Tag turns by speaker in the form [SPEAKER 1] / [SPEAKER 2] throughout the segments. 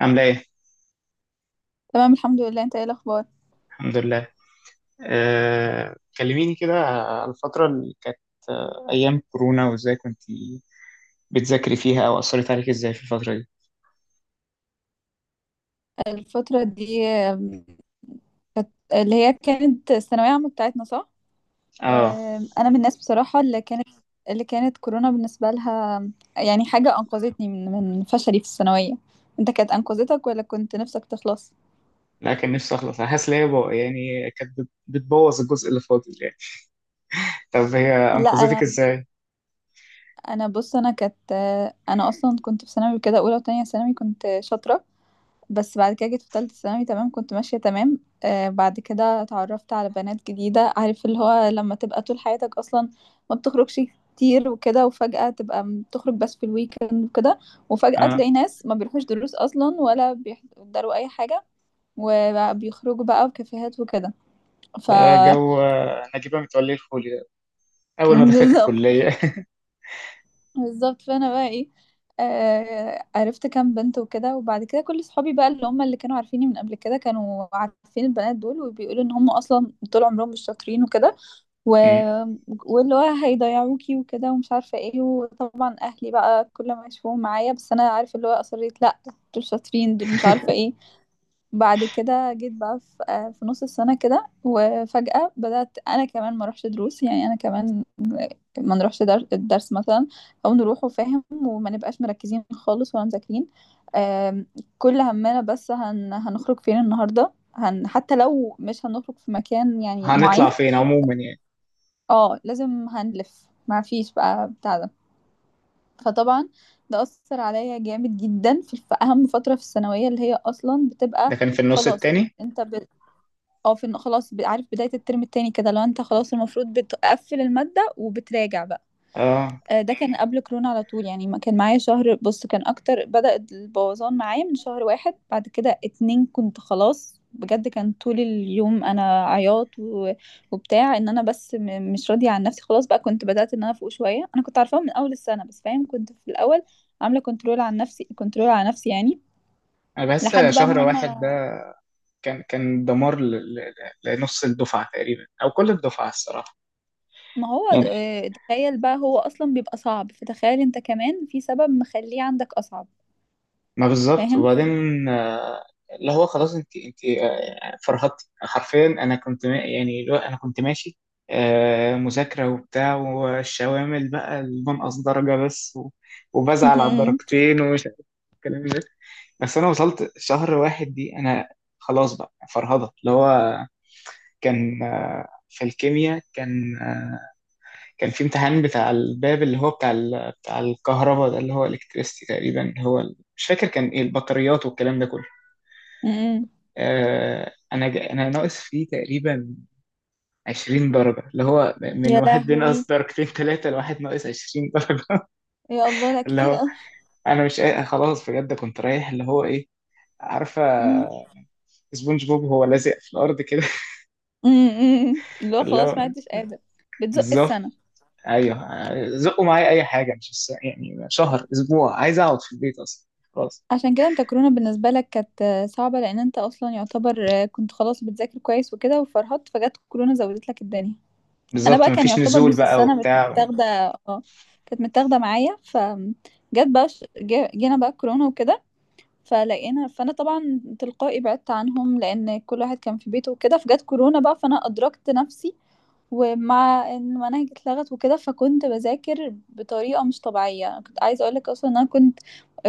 [SPEAKER 1] عاملة ايه؟
[SPEAKER 2] تمام الحمد لله. انت ايه الاخبار؟
[SPEAKER 1] الحمد لله. كلميني كده على الفترة اللي كانت، أيام كورونا، وازاي كنت بتذاكري فيها أو أثرت عليك ازاي في الفترة دي؟
[SPEAKER 2] الفتره دي كانت، اللي هي كانت الثانويه عامه بتاعتنا، صح؟
[SPEAKER 1] اه.
[SPEAKER 2] انا من الناس بصراحه اللي كانت، كورونا بالنسبه لها يعني حاجه انقذتني من فشلي في الثانويه. انت كانت انقذتك ولا كنت نفسك تخلص؟
[SPEAKER 1] لا، كان نفسي أخلص. أنا حاسس إن هي يعني كانت بتبوظ الجزء اللي فاضل يعني. طب هي
[SPEAKER 2] لا
[SPEAKER 1] أنقذتك
[SPEAKER 2] انا
[SPEAKER 1] ازاي؟
[SPEAKER 2] انا بص، انا كانت انا اصلا كنت في ثانوي كده، اولى وتانية ثانوي كنت شاطره، بس بعد كده جيت في تالتة ثانوي تمام، كنت ماشية تمام. آه بعد كده اتعرفت على بنات جديدة، عارف اللي هو لما تبقى طول حياتك أصلا ما بتخرجش كتير وكده، وفجأة تبقى تخرج بس في الويكند وكده، وفجأة
[SPEAKER 1] اه.
[SPEAKER 2] تلاقي ناس ما بيروحوش دروس أصلا ولا بيحضروا أي حاجة، وبيخرجوا بقى في كافيهات وكده. ف
[SPEAKER 1] ده جو نجيبة متولي الفولي ده، أول ما دخلت
[SPEAKER 2] بالظبط.
[SPEAKER 1] الكلية.
[SPEAKER 2] بالظبط، فانا بقى ايه، آه عرفت كام بنت وكده، وبعد كده كل صحابي بقى اللي هم اللي كانوا عارفيني من قبل كده كانوا عارفين البنات دول، وبيقولوا ان هم اصلا طول عمرهم مش شاطرين وكده و...
[SPEAKER 1] مم.
[SPEAKER 2] واللي هو هيضيعوكي وكده ومش عارفه ايه، وطبعا اهلي بقى كل ما يشوفوهم معايا، بس انا عارف اللي هو اصريت لا، دول شاطرين، دول مش عارفه ايه. بعد كده جيت بقى في في نص السنة كده، وفجأة بدأت أنا كمان ما أروحش دروس، يعني أنا كمان ما نروحش الدرس مثلا، أو نروحه فاهم وما نبقاش مركزين خالص ولا مذاكرين. آم، كل همنا بس هنخرج فين النهاردة، حتى لو مش هنخرج في مكان يعني
[SPEAKER 1] هنطلع
[SPEAKER 2] معين،
[SPEAKER 1] فين عموما يعني.
[SPEAKER 2] اه لازم هنلف، ما فيش بقى بتاع ده. فطبعا ده أثر عليا جامد جدا في أهم فترة في الثانوية اللي هي أصلا بتبقى
[SPEAKER 1] ده كان في النص
[SPEAKER 2] خلاص.
[SPEAKER 1] التاني.
[SPEAKER 2] انت اه في خلاص عارف، بداية الترم التاني كده لو انت خلاص المفروض بتقفل المادة وبتراجع بقى.
[SPEAKER 1] اه.
[SPEAKER 2] ده كان قبل كورونا على طول، يعني ما كان معايا شهر، بص كان اكتر، بدأ البوظان معايا من شهر واحد، بعد كده اتنين كنت خلاص بجد، كان طول اليوم انا عياط وبتاع، ان انا بس مش راضية عن نفسي خلاص. بقى كنت بدأت ان انا فوق شوية، انا كنت عارفاها من اول السنة بس فاهم، كنت في الاول عاملة كنترول عن نفسي، كنترول على نفسي يعني،
[SPEAKER 1] أنا بحس
[SPEAKER 2] لحد بقى
[SPEAKER 1] شهر
[SPEAKER 2] ما
[SPEAKER 1] واحد
[SPEAKER 2] هم،
[SPEAKER 1] كان دمار لنص الدفعة تقريبا، أو كل الدفعة الصراحة.
[SPEAKER 2] ما هو
[SPEAKER 1] يعني
[SPEAKER 2] تخيل بقى، هو اصلا بيبقى صعب، فتخيل انت كمان في سبب مخليه عندك اصعب.
[SPEAKER 1] ما بالظبط.
[SPEAKER 2] فاهم.
[SPEAKER 1] وبعدين آه، اللي هو خلاص. أنت فرهدتي حرفيا. أنا كنت يعني اللي هو أنا كنت ماشي مذاكرة وبتاع، والشوامل بقى المنقص درجة بس، وبزعل على
[SPEAKER 2] أمم،
[SPEAKER 1] الدرجتين ومش عارف الكلام ده. بس أنا وصلت شهر واحد دي، أنا خلاص بقى فرهضة. اللي هو كان في الكيمياء، كان كان في امتحان بتاع الباب، اللي هو بتاع بتاع الكهرباء ده، اللي هو الكتريستي تقريبا، هو مش فاكر كان ايه، البطاريات والكلام ده كله.
[SPEAKER 2] أمم.
[SPEAKER 1] انا انا ناقص فيه تقريبا 20 درجه، اللي هو من
[SPEAKER 2] يا
[SPEAKER 1] واحد بينقص
[SPEAKER 2] لهوي،
[SPEAKER 1] درجتين ثلاثه، لواحد ناقص 20 درجه.
[SPEAKER 2] يا الله، لا
[SPEAKER 1] اللي
[SPEAKER 2] كتير
[SPEAKER 1] هو
[SPEAKER 2] قوي.
[SPEAKER 1] انا مش قا- خلاص بجد كنت رايح. اللي هو ايه، عارفه
[SPEAKER 2] أمم،
[SPEAKER 1] سبونج بوب هو لازق في الارض كده.
[SPEAKER 2] أمم. اللي هو
[SPEAKER 1] اللي هو
[SPEAKER 2] خلاص ما عدتش قادر بتزق
[SPEAKER 1] بالظبط.
[SPEAKER 2] السنه.
[SPEAKER 1] ايوه، زقوا معايا اي حاجه. مش يعني شهر، اسبوع، عايز اقعد في البيت اصلا، خلاص.
[SPEAKER 2] عشان كده انت كورونا بالنسبه لك كانت صعبه، لان انت اصلا يعتبر كنت خلاص بتذاكر كويس وكده وفرهدت، فجت كورونا زودت لك الدنيا. انا
[SPEAKER 1] بالظبط
[SPEAKER 2] بقى كان
[SPEAKER 1] مفيش
[SPEAKER 2] يعتبر
[SPEAKER 1] نزول
[SPEAKER 2] نص
[SPEAKER 1] بقى
[SPEAKER 2] السنه
[SPEAKER 1] وبتاع.
[SPEAKER 2] متاخده، اه كانت متاخده معايا، جت بقى جينا بقى كورونا وكده، فانا طبعا تلقائي بعدت عنهم لان كل واحد كان في بيته وكده، فجت كورونا بقى فانا ادركت نفسي. ومع ان المناهج اتلغت وكده، فكنت بذاكر بطريقه مش طبيعيه، كنت عايزه اقول لك اصلا ان انا كنت،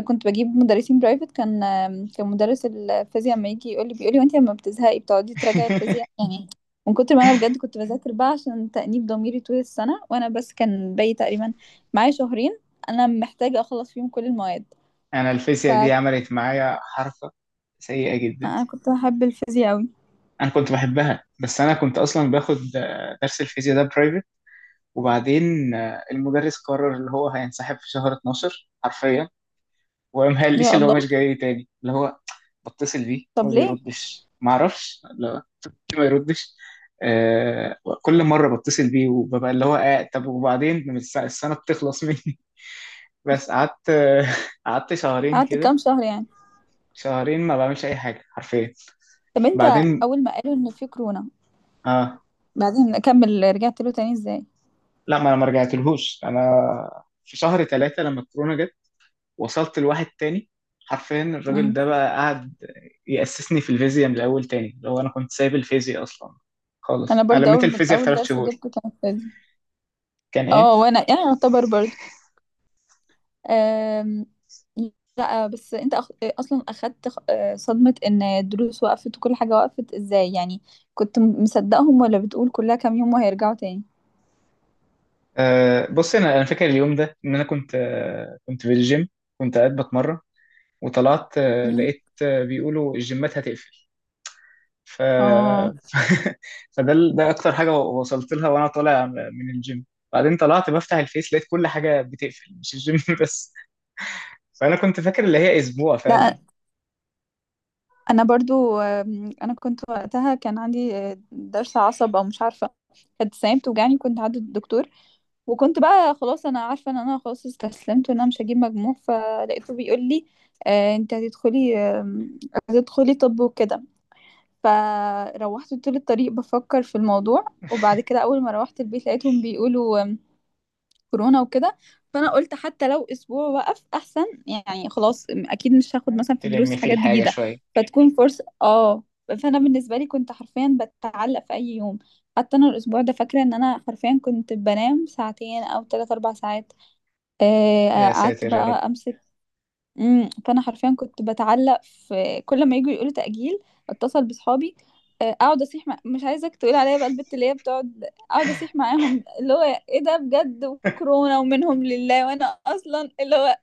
[SPEAKER 2] كنت بجيب مدرسين برايفت. كان مدرس الفيزياء لما يجي يقول لي، بيقول لي وانت لما بتزهقي بتقعدي تراجعي الفيزياء يعني، من كتر ما انا بجد كنت بذاكر بقى عشان تأنيب ضميري طول السنه. وانا بس كان باقي تقريبا معايا شهرين، انا محتاجه اخلص فيهم كل المواد.
[SPEAKER 1] انا
[SPEAKER 2] ف
[SPEAKER 1] الفيزياء دي عملت معايا حركه سيئه جدا.
[SPEAKER 2] انا كنت بحب الفيزياء قوي.
[SPEAKER 1] انا كنت بحبها، بس انا كنت اصلا باخد درس الفيزياء ده برايفت. وبعدين المدرس قرر اللي هو هينسحب في شهر 12 حرفيا، وما قاليش
[SPEAKER 2] يا
[SPEAKER 1] اللي هو مش
[SPEAKER 2] الله.
[SPEAKER 1] جاي تاني. اللي هو بتصل بيه هو
[SPEAKER 2] طب
[SPEAKER 1] ما
[SPEAKER 2] ليه؟
[SPEAKER 1] بيردش، ما اعرفش لا ليه ما يردش. كل مره بتصل بيه وببقى اللي هو طب وبعدين السنه بتخلص مني. بس قعدت قعدت شهرين
[SPEAKER 2] قعدت
[SPEAKER 1] كده.
[SPEAKER 2] كام شهر يعني؟
[SPEAKER 1] شهرين ما بعملش اي حاجه حرفيا.
[SPEAKER 2] طب انت
[SPEAKER 1] بعدين،
[SPEAKER 2] اول ما قالوا ان في كورونا،
[SPEAKER 1] اه،
[SPEAKER 2] بعدين اكمل رجعت له تاني ازاي؟
[SPEAKER 1] لا ما انا ما رجعتلهوش. انا في شهر ثلاثة لما الكورونا جت، وصلت لواحد تاني. حرفيا الراجل
[SPEAKER 2] امم.
[SPEAKER 1] ده بقى قعد يأسسني في الفيزياء من الاول تاني. لو انا كنت سايب الفيزياء اصلا
[SPEAKER 2] انا
[SPEAKER 1] خالص، انا
[SPEAKER 2] برضو
[SPEAKER 1] لميت الفيزياء في
[SPEAKER 2] اول
[SPEAKER 1] ثلاث
[SPEAKER 2] درس
[SPEAKER 1] شهور.
[SPEAKER 2] جبته كان فيزياء،
[SPEAKER 1] كان ايه؟
[SPEAKER 2] اه. وانا يعني يعتبر برضو أم... لا بس انت اصلا اخدت صدمة ان الدروس وقفت وكل حاجة وقفت ازاي يعني. كنت مصدقهم ولا بتقول كلها كام يوم وهيرجعوا تاني؟
[SPEAKER 1] بص، انا فاكر اليوم ده ان انا كنت في الجيم، كنت قاعد بتمرن. وطلعت
[SPEAKER 2] مم.
[SPEAKER 1] لقيت بيقولوا الجيمات هتقفل. ف...
[SPEAKER 2] اه
[SPEAKER 1] فده ده اكتر حاجه وصلت لها وانا طالع من الجيم. بعدين طلعت بفتح الفيس، لقيت كل حاجه بتقفل، مش الجيم بس. فانا كنت فاكر اللي هي اسبوع فعلا
[SPEAKER 2] لا انا برضو انا كنت وقتها كان عندي ضرس عصب او مش عارفه، كانت السنه بتوجعني كنت عند الدكتور، وكنت بقى خلاص انا عارفه ان انا خلاص استسلمت وان انا مش هجيب مجموع، فلقيته بيقول لي انت هتدخلي طب وكده. فروحت طول الطريق بفكر في الموضوع، وبعد كده اول ما روحت البيت لقيتهم بيقولوا كورونا وكده. فانا قلت حتى لو اسبوع وقف احسن، يعني خلاص اكيد مش هاخد مثلا في
[SPEAKER 1] تلم
[SPEAKER 2] دروس
[SPEAKER 1] فيه
[SPEAKER 2] حاجات
[SPEAKER 1] الحاجه
[SPEAKER 2] جديده،
[SPEAKER 1] شويه.
[SPEAKER 2] فتكون فرصه. اه، فانا بالنسبه لي كنت حرفيا بتعلق في اي يوم. حتى انا الاسبوع ده فاكره ان انا حرفيا كنت بنام ساعتين او ثلاث اربع ساعات.
[SPEAKER 1] يا
[SPEAKER 2] قعدت
[SPEAKER 1] ساتر يا رب.
[SPEAKER 2] بقى امسك. امم. فانا حرفيا كنت بتعلق في كل ما يجوا يقولوا تأجيل، اتصل بصحابي، اقعد اصيح، مش عايزك تقول عليا بقى البت اللي هي بتقعد اقعد اصيح معاهم، اللي هو ايه ده بجد، وكورونا ومنهم لله، وانا اصلا اللي هو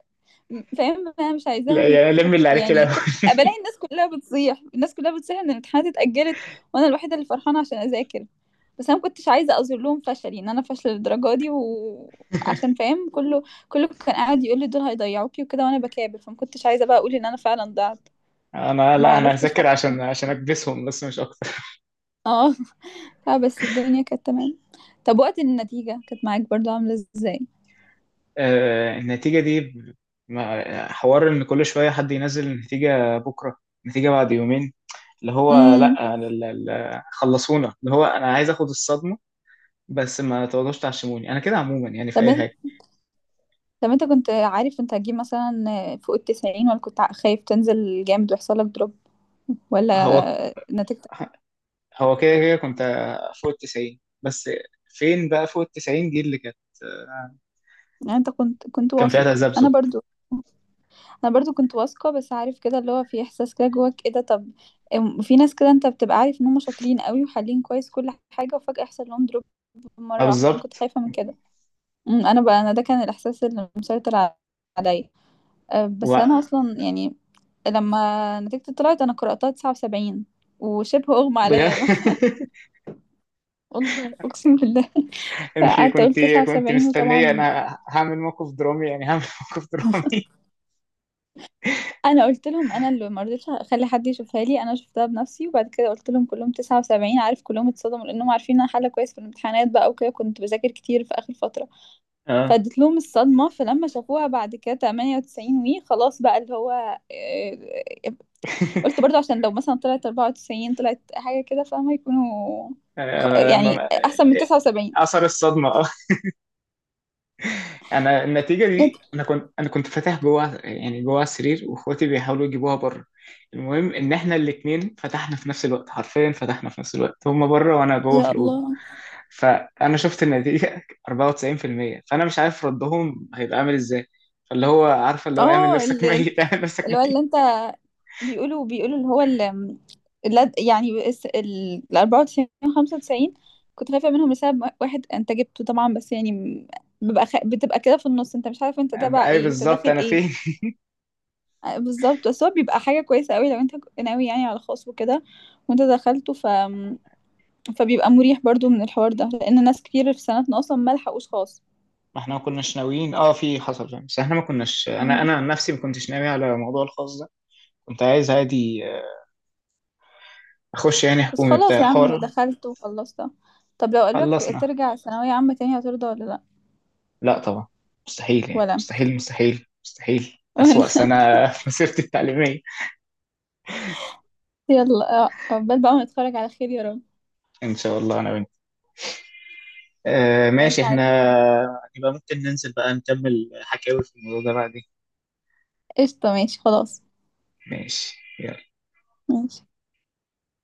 [SPEAKER 2] فاهم انا مش
[SPEAKER 1] لا
[SPEAKER 2] عايزاهم
[SPEAKER 1] يعني لم اللي عليك
[SPEAKER 2] يعني
[SPEAKER 1] الاول.
[SPEAKER 2] كل بلاقي الناس كلها بتصيح، الناس كلها بتصيح ان الامتحانات اتأجلت، وانا الوحيدة اللي فرحانة عشان اذاكر. بس انا ما كنتش عايزة اظهر لهم فشلي، ان انا فاشلة للدرجة دي، وعشان فاهم كله كان قاعد يقول لي دول هيضيعوكي وكده، وانا بكابر، فما كنتش عايزة بقى اقول ان انا فعلا ضعت.
[SPEAKER 1] انا،
[SPEAKER 2] ما
[SPEAKER 1] لا، انا
[SPEAKER 2] عرفتش
[SPEAKER 1] هذاكر عشان اكبسهم بس مش اكتر.
[SPEAKER 2] اه. لا بس الدنيا كانت تمام. طب وقت النتيجة كانت معاك برضو عاملة ازاي؟
[SPEAKER 1] النتيجه دي حوار ان كل شويه حد ينزل النتيجه بكره، النتيجه بعد يومين. اللي هو
[SPEAKER 2] امم.
[SPEAKER 1] لا خلصونا. اللي هو انا عايز اخد الصدمه، بس ما تقعدوش تعشموني. انا كده عموما يعني في
[SPEAKER 2] طب
[SPEAKER 1] اي حاجه.
[SPEAKER 2] طب انت كنت عارف انت هتجيب مثلا فوق التسعين، ولا كنت خايف تنزل جامد ويحصل لك دروب،
[SPEAKER 1] هو
[SPEAKER 2] ولا نتيجتك؟
[SPEAKER 1] كده كده كنت فوق التسعين بس. فين بقى فوق التسعين دي اللي كانت
[SPEAKER 2] يعني انت كنت
[SPEAKER 1] كان فيها
[SPEAKER 2] واثق؟ انا
[SPEAKER 1] تذبذب.
[SPEAKER 2] برضو، انا برضو كنت واثقه، بس عارف كده اللي هو في احساس كده جواك ايه ده. طب في ناس كده انت بتبقى عارف ان هم شاطرين قوي وحالين كويس كل حاجه، وفجاه يحصل لهم دروب
[SPEAKER 1] ما
[SPEAKER 2] مره واحده، انا كنت
[SPEAKER 1] بالظبط،
[SPEAKER 2] خايفه من كده. انا بقى انا ده كان الاحساس اللي مسيطر عليا. اه،
[SPEAKER 1] و
[SPEAKER 2] بس انا اصلا يعني لما نتيجتي طلعت انا قرأتها 79، وشبه اغمى
[SPEAKER 1] بجد.
[SPEAKER 2] عليا يوم. والله أقسم بالله،
[SPEAKER 1] انت
[SPEAKER 2] فقعدت أقول
[SPEAKER 1] كنت،
[SPEAKER 2] 79
[SPEAKER 1] مستنيه
[SPEAKER 2] وطبعًا
[SPEAKER 1] انا هعمل موقف درامي، يعني هعمل موقف درامي.
[SPEAKER 2] أنا قُلت لهم، أنا اللي ما رضيتش أخلّي حد يشوفها لي، أنا شُفتها بنَفْسي وبعد كده قُلت لهم كلّهم 79. عارف كلّهم اتصدموا، لإنّهم عارفين إن أنا حالة كويس في الامتحانات بقى وكده، كنت باذاكر كتير في آخر فترة،
[SPEAKER 1] اه.
[SPEAKER 2] فادّيت لهم الصدمة، فلمّا شافوها بعد كده 98. خلاص بقى اللي هو آآ قُلت برضه عشان لو مثلًا طلعت 94 طلعت حاجة كده فاهمة، يكونوا يعني
[SPEAKER 1] لما
[SPEAKER 2] أحسن من 79.
[SPEAKER 1] اثر الصدمه. انا النتيجه دي، انا كنت فاتح جوه، يعني جوه السرير، واخواتي بيحاولوا يجيبوها بره. المهم ان احنا الاثنين فتحنا في نفس الوقت، حرفيا فتحنا في نفس الوقت، هما بره وانا جوه في
[SPEAKER 2] يا
[SPEAKER 1] الاوضه.
[SPEAKER 2] الله!
[SPEAKER 1] فانا شفت النتيجه 94%. فانا مش عارف ردهم هيبقى عامل ازاي. فاللي هو عارفه، اللي هو اعمل
[SPEAKER 2] آه
[SPEAKER 1] نفسك
[SPEAKER 2] ال
[SPEAKER 1] ميت، اعمل نفسك
[SPEAKER 2] اللي هو اللي
[SPEAKER 1] ميت.
[SPEAKER 2] انت بيقولوا، اللي هو ال- اللد يعني الس- ال ال 94، 95. كنت خايفة منهم لسبب واحد، انت جبته طبعا بس يعني ببقى بتبقى كده في النص، انت مش عارف انت تبع
[SPEAKER 1] أبقى ايه
[SPEAKER 2] ايه، انت
[SPEAKER 1] بالظبط،
[SPEAKER 2] داخل
[SPEAKER 1] انا فين؟
[SPEAKER 2] ايه. بالظبط. بس هو بيبقى حاجة كويسة قوي لو انت ناوي يعني على خاص وكده وانت دخلته، فبيبقى مريح برضو من الحوار ده، لان ناس كتير في سنتنا اصلا ما لحقوش خاص.
[SPEAKER 1] ما احنا ما كناش ناويين، اه، في حصل فاهم، بس احنا ما كناش،
[SPEAKER 2] مم.
[SPEAKER 1] انا عن نفسي ما كنتش ناوي على موضوع الخاص ده. كنت عايز عادي اخش يعني
[SPEAKER 2] بس
[SPEAKER 1] حكومي
[SPEAKER 2] خلاص
[SPEAKER 1] بتاع
[SPEAKER 2] يا عم
[SPEAKER 1] حوار.
[SPEAKER 2] دخلت وخلصت. طب لو قالك
[SPEAKER 1] خلصنا.
[SPEAKER 2] ترجع ثانوية عامة تاني هترضى ولا لا؟
[SPEAKER 1] لا طبعا، مستحيل يعني،
[SPEAKER 2] ولا.
[SPEAKER 1] مستحيل مستحيل مستحيل
[SPEAKER 2] وانا
[SPEAKER 1] أسوأ سنة في مسيرتي التعليمية.
[SPEAKER 2] يلا عقبال بقى ما نتفرج على خير يا رب.
[SPEAKER 1] إن شاء الله أنا وأنت.
[SPEAKER 2] ماشي
[SPEAKER 1] ماشي إحنا.
[SPEAKER 2] عادي.
[SPEAKER 1] يبقى ممكن ننزل بقى نكمل حكاوي في الموضوع ده بعدين.
[SPEAKER 2] قشطة ماشي خلاص.
[SPEAKER 1] ماشي، يلا.
[SPEAKER 2] ماشي.